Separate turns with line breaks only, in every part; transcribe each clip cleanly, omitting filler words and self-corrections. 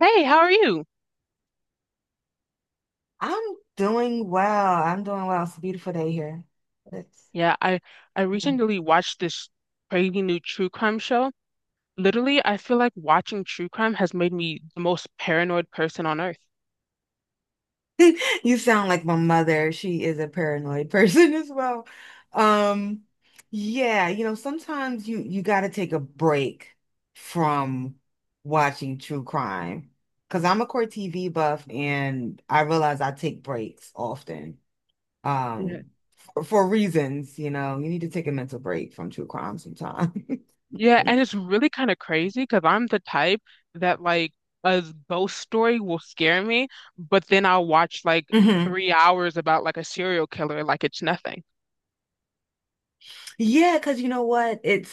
Hey, how are you?
I'm doing well. I'm doing well. It's a beautiful day here. It's,
Yeah, I recently watched this crazy new true crime show. Literally, I feel like watching true crime has made me the most paranoid person on earth.
you sound like my mother. She is a paranoid person as well. Um, yeah, you know, sometimes you got to take a break from watching true crime because I'm a core TV buff and I realize I take breaks often.
Yeah.
Um, for reasons, you know, you need to take a mental break from true crime sometimes.
Yeah, and it's really kind of crazy because I'm the type that like a ghost story will scare me, but then I'll watch like
Hmm.
3 hours about like a serial killer like it's nothing.
Yeah, because you know what? It's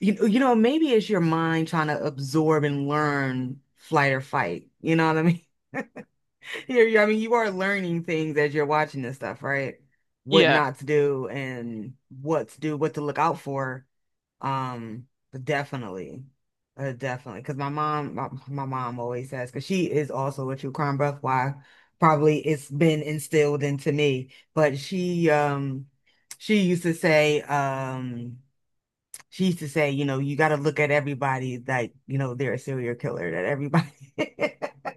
maybe it's your mind trying to absorb and learn flight or fight. You know what I mean? I mean, you are learning things as you're watching this stuff, right? What
Yeah.
not to do and what to do, what to look out for. But definitely, definitely. Because my mom, my mom always says, because she is also a true crime buff. Why? Probably it's been instilled into me. But she used to say, um she used to say, you know, you got to look at everybody like, you know, they're a serial killer, that everybody,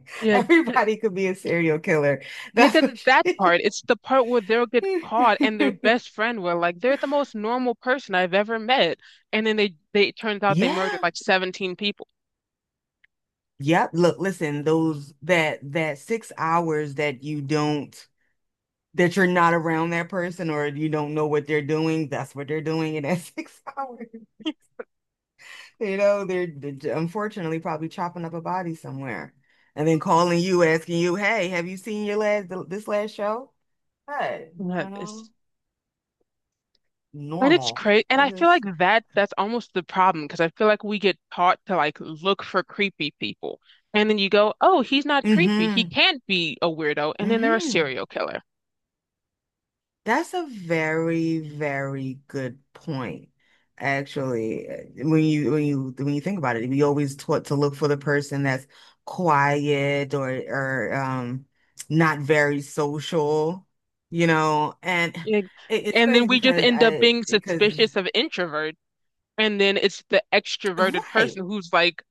Yeah.
everybody could be a serial killer.
Yeah,
That's
because
what
that
she,
part, it's the part where they'll get caught and their best friend will like they're the most normal person I've ever met. And then they it turns out they murdered
yeah.
like 17 people.
Yep. Look, listen, those, that 6 hours that you don't, that you're not around that person or you don't know what they're doing, that's what they're doing in that 6 hours. You know, they're unfortunately probably chopping up a body somewhere. And then calling you, asking you, "Hey, have you seen your last this last show?" Good.
That
You know,
is. And it's
normal.
crazy. And
I
I feel like
just,
that's almost the problem because I feel like we get taught to like look for creepy people. And then you go, "Oh, he's not creepy. He
mm-hmm,
can't be a weirdo." And then they're a
mm-hmm.
serial killer.
That's a very, very good point. Actually, when you think about it, we always taught to look for the person that's quiet or not very social, you know. And
Like,
it's
and then
crazy
we just
because
end up being
I because
suspicious of introverts. And then it's the extroverted
right,
person who's like,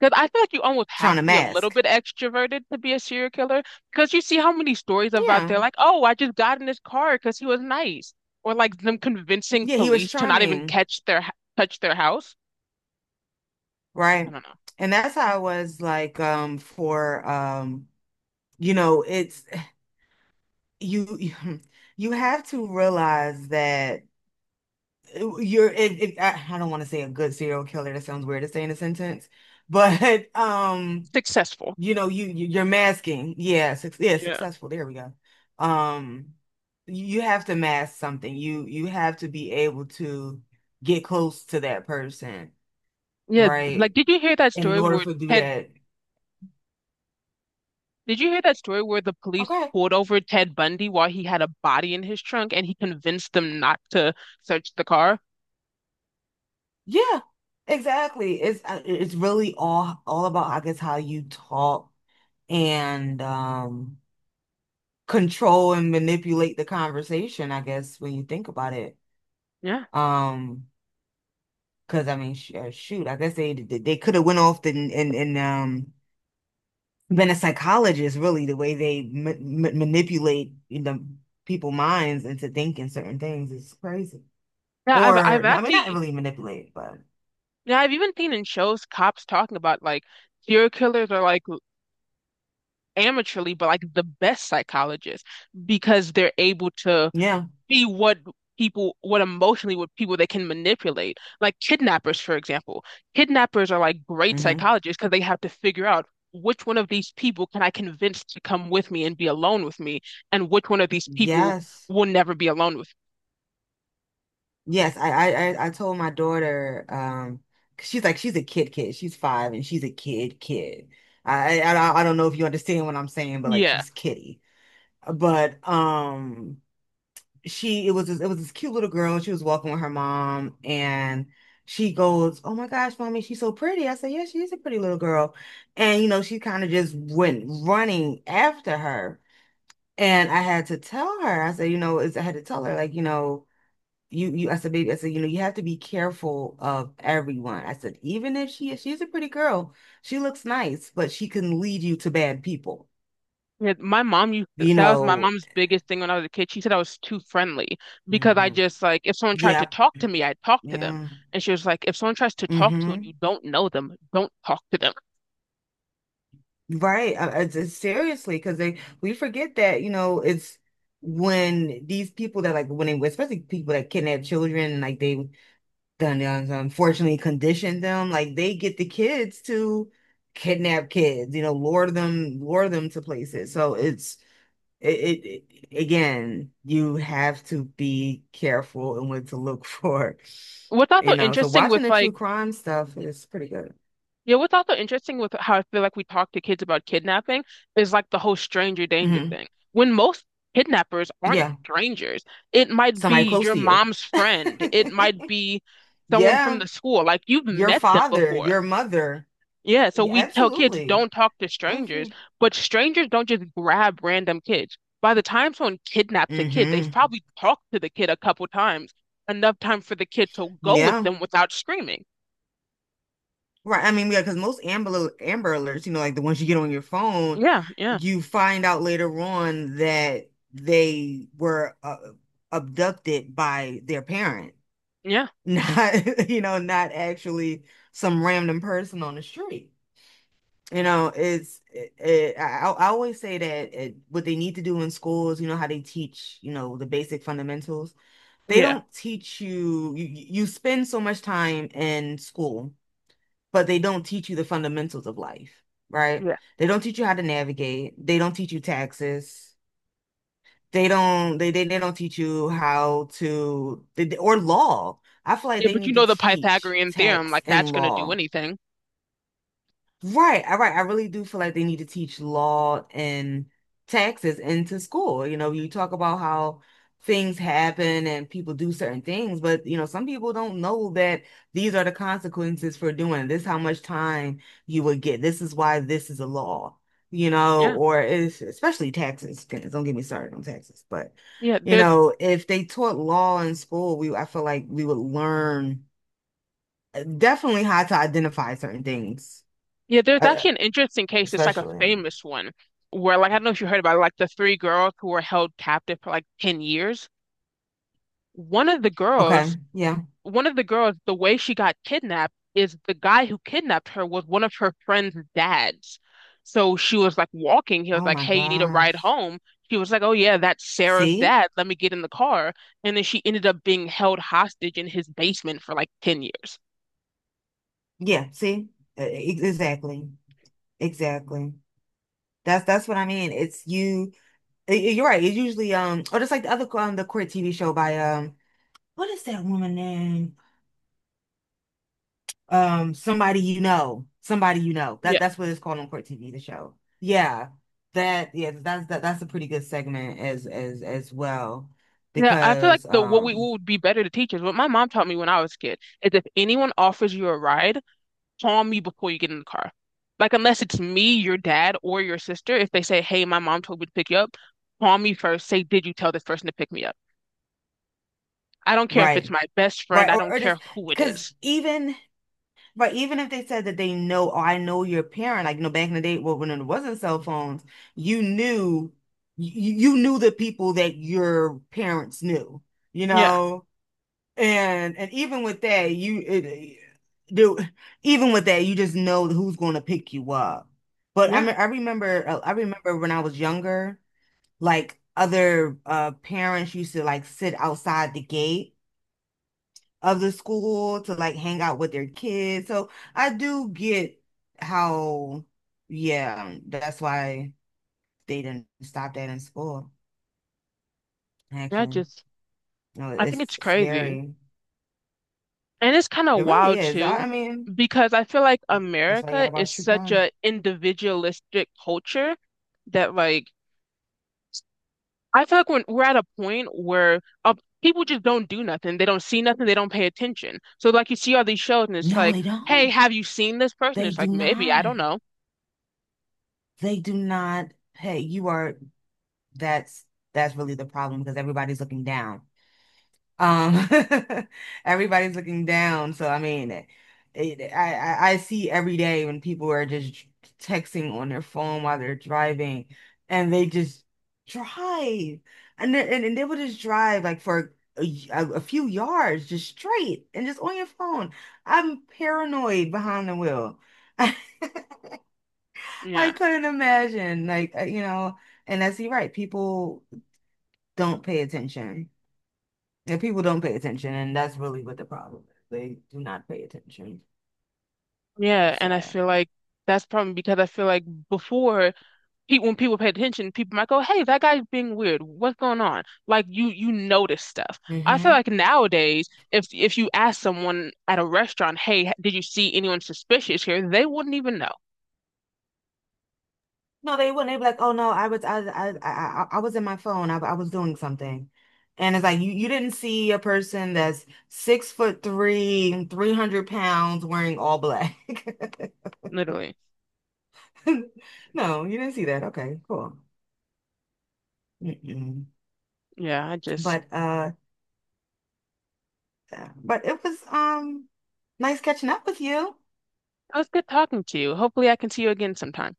because I feel like you almost have
trying to
to be a little
mask.
bit extroverted to be a serial killer. Because you see how many stories about they're
Yeah,
like, oh, I just got in his car because he was nice, or like them convincing
yeah, he was
police to not even
charming.
catch their touch their house. I
Right.
don't know.
And that's how it was like, for you know, it's, you you have to realize that, I don't want to say a good serial killer — that sounds weird to say in a sentence — but
Successful.
you know, you're masking. Yeah, suc yeah,
Yeah.
successful, there we go. um you have to mask something. You have to be able to get close to that person,
Yeah. Like,
right,
did you hear that
and in
story
order
where
for do
Ted?
that.
Did you hear that story where the police
Okay.
pulled over Ted Bundy while he had a body in his trunk and he convinced them not to search the car?
Yeah, exactly. It's really all about, I guess, how you talk and control and manipulate the conversation, I guess, when you think about it.
Yeah.
Um, because I mean, sh shoot, I guess they could have went off and been a psychologist, really. The way they ma ma manipulate, you know, people minds into thinking certain things is crazy.
Yeah, I've
Or I mean, not
actually
really manipulate, but
yeah, I've even seen in shows cops talking about like serial killers are like amateurly, but like the best psychologists because they're able to
yeah.
see what people, what emotionally, what people they can manipulate. Like kidnappers, for example. Kidnappers are like great
Hmm.
psychologists because they have to figure out which one of these people can I convince to come with me and be alone with me, and which one of these people
Yes.
will never be alone with
Yes, I told my daughter, 'cause she's a kid kid. She's 5 and she's a kid kid. I don't know if you understand what I'm saying, but
me.
like
Yeah.
she's kitty. But, she it was this cute little girl. She was walking with her mom, and she goes, "Oh my gosh, mommy, she's so pretty." I said, "Yeah, she is a pretty little girl," and she kind of just went running after her, and I had to tell her. I said, "You know, it's, I had to tell her like you know." you I said, "Baby," I said, you know, you have to be careful of everyone. I said, even if she's a pretty girl, she looks nice, but she can lead you to bad people,
Yeah, my mom used to-
you
that was my
know.
mom's biggest thing when I was a kid. She said I was too friendly because I
Hmm.
just like if someone tried to
Yeah.
talk to me, I'd talk to them.
Yeah.
And she was like, if someone tries to talk to you and
Hmm.
you don't know them, don't talk to them.
Right. Seriously, because they we forget that, you know, it's when these people, that, like, when they, especially people that kidnap children, like they unfortunately conditioned them, like they get the kids to kidnap kids, you know, lure them to places. So it's, it, again, you have to be careful and what to look for,
What's
you
also
know. So
interesting with
watching the true
like
crime stuff is pretty good.
yeah, what's also interesting with how I feel like we talk to kids about kidnapping is like the whole stranger danger
Hmm.
thing. When most kidnappers aren't
Yeah.
strangers, it might
Somebody
be
close
your
to you.
mom's friend, it might be someone from
Yeah.
the school. Like you've
Your
met them
father,
before.
your mother.
Yeah, so
Yeah,
we tell kids
absolutely.
don't talk to strangers,
Absolutely.
but strangers don't just grab random kids. By the time someone kidnaps a kid, they've
Hmm.
probably talked to the kid a couple times, enough time for the kid to go with
Yeah.
them without screaming.
Right. I mean, yeah, because most Amber Alerts, you know, like the ones you get on your phone,
Yeah, yeah,
you find out later on that they were, abducted by their parent,
yeah,
not, you know, not actually some random person on the street. You know, it's, I always say that, it, what they need to do in schools, you know, how they teach, you know, the basic fundamentals. They
yeah,
don't teach you, you, you spend so much time in school, but they don't teach you the fundamentals of life, right?
yeah.
They don't teach you how to navigate. They don't teach you taxes. They don't teach you how to they- or law. I feel like
Yeah,
they
but you
need to
know the
teach
Pythagorean theorem,
tax
like that's
and
gonna do
law.
anything.
Right. I really do feel like they need to teach law and taxes into school. You know, you talk about how things happen and people do certain things, but, you know, some people don't know that these are the consequences for doing this, how much time you would get. This is why this is a law, you know,
Yeah,
or if, especially taxes. Goodness, don't get me started on taxes. But,
yeah.
you
There,
know, if they taught law in school, we I feel like we would learn, definitely, how to identify certain things,
yeah, there's
uh,
actually an interesting case, it's like a
especially.
famous one where like I don't know if you heard about it, like the three girls who were held captive for like 10 years. One of the girls
Okay, yeah.
one of the girls, the way she got kidnapped is the guy who kidnapped her was one of her friend's dads. So she was like walking. He was
Oh
like,
my
hey, you need a ride
gosh.
home? She was like, oh, yeah, that's Sarah's
See?
dad. Let me get in the car. And then she ended up being held hostage in his basement for like 10 years.
Yeah, see? Exactly. Exactly. That's what I mean. It's, you, you're right. It's usually, or just like the other, the court TV show by, what is that woman name? Somebody you know. Somebody you know.
Yeah.
That's what it's called on court TV, the show. Yeah. That, yeah, that's a pretty good segment as, as well,
Yeah, I feel like
because,
the what we what would be better to teachers. What my mom taught me when I was a kid is if anyone offers you a ride, calm you before you get in the car. Like, unless it's me, your dad, or your sister, if they say, hey, my mom told me to pick you up, call me first. Say, did you tell this person to pick me up? I don't care if it's
right.
my best friend.
Right.
I
Or
don't
or just,
care who it
because,
is.
even but even if they said that they know, oh, I know your parent, like, you know, back in the day, well, when it wasn't cell phones, you knew, you knew the people that your parents knew, you
Yeah.
know? And even with that, do, even with that, you just know who's going to pick you up. But I
Yeah.
mean, I remember when I was younger, like other, parents used to like sit outside the gate of the school to like hang out with their kids. So I do get how, yeah, that's why they didn't stop that in school,
Yeah.
actually.
Just,
No,
I think
it's
it's crazy.
scary.
And it's kind
It
of
really
wild
is.
too,
I mean,
because I feel like
that's why you
America
gotta
is
watch true
such
crime.
a individualistic culture that, like, I feel like when we're at a point where people just don't do nothing. They don't see nothing. They don't pay attention. So like you see all these shows and it's
No,
like,
they
hey,
don't.
have you seen this person?
They
It's
do
like, maybe, I
not.
don't know.
They do not. Hey, you are, that's, that's really the problem, because everybody's looking down. Um, everybody's looking down. So I mean, I see every day when people are just texting on their phone while they're driving, and they just drive, and they will just drive like for a, a few yards, just straight, and just on your phone. I'm paranoid behind the wheel. I
Yeah.
couldn't imagine, like, you know, and that's, you're right. People don't pay attention. And people don't pay attention, and that's really what the problem is. They do not pay attention.
Yeah. And I
So,
feel like that's probably because I feel like before pe when people paid attention, people might go, hey, that guy's being weird. What's going on? Like you notice stuff. I feel
hmm,
like nowadays, if you ask someone at a restaurant, hey, did you see anyone suspicious here? They wouldn't even know.
no, they wouldn't. They'd be like, "Oh no, I was, I was in my phone. I was doing something." And it's like, you didn't see a person that's 6'3", 300 pounds, wearing all black.
Literally.
No, you didn't see that. Okay, cool. Mm-mm.
Yeah, I just
But, but it was, nice catching up with you.
it was good talking to you. Hopefully, I can see you again sometime.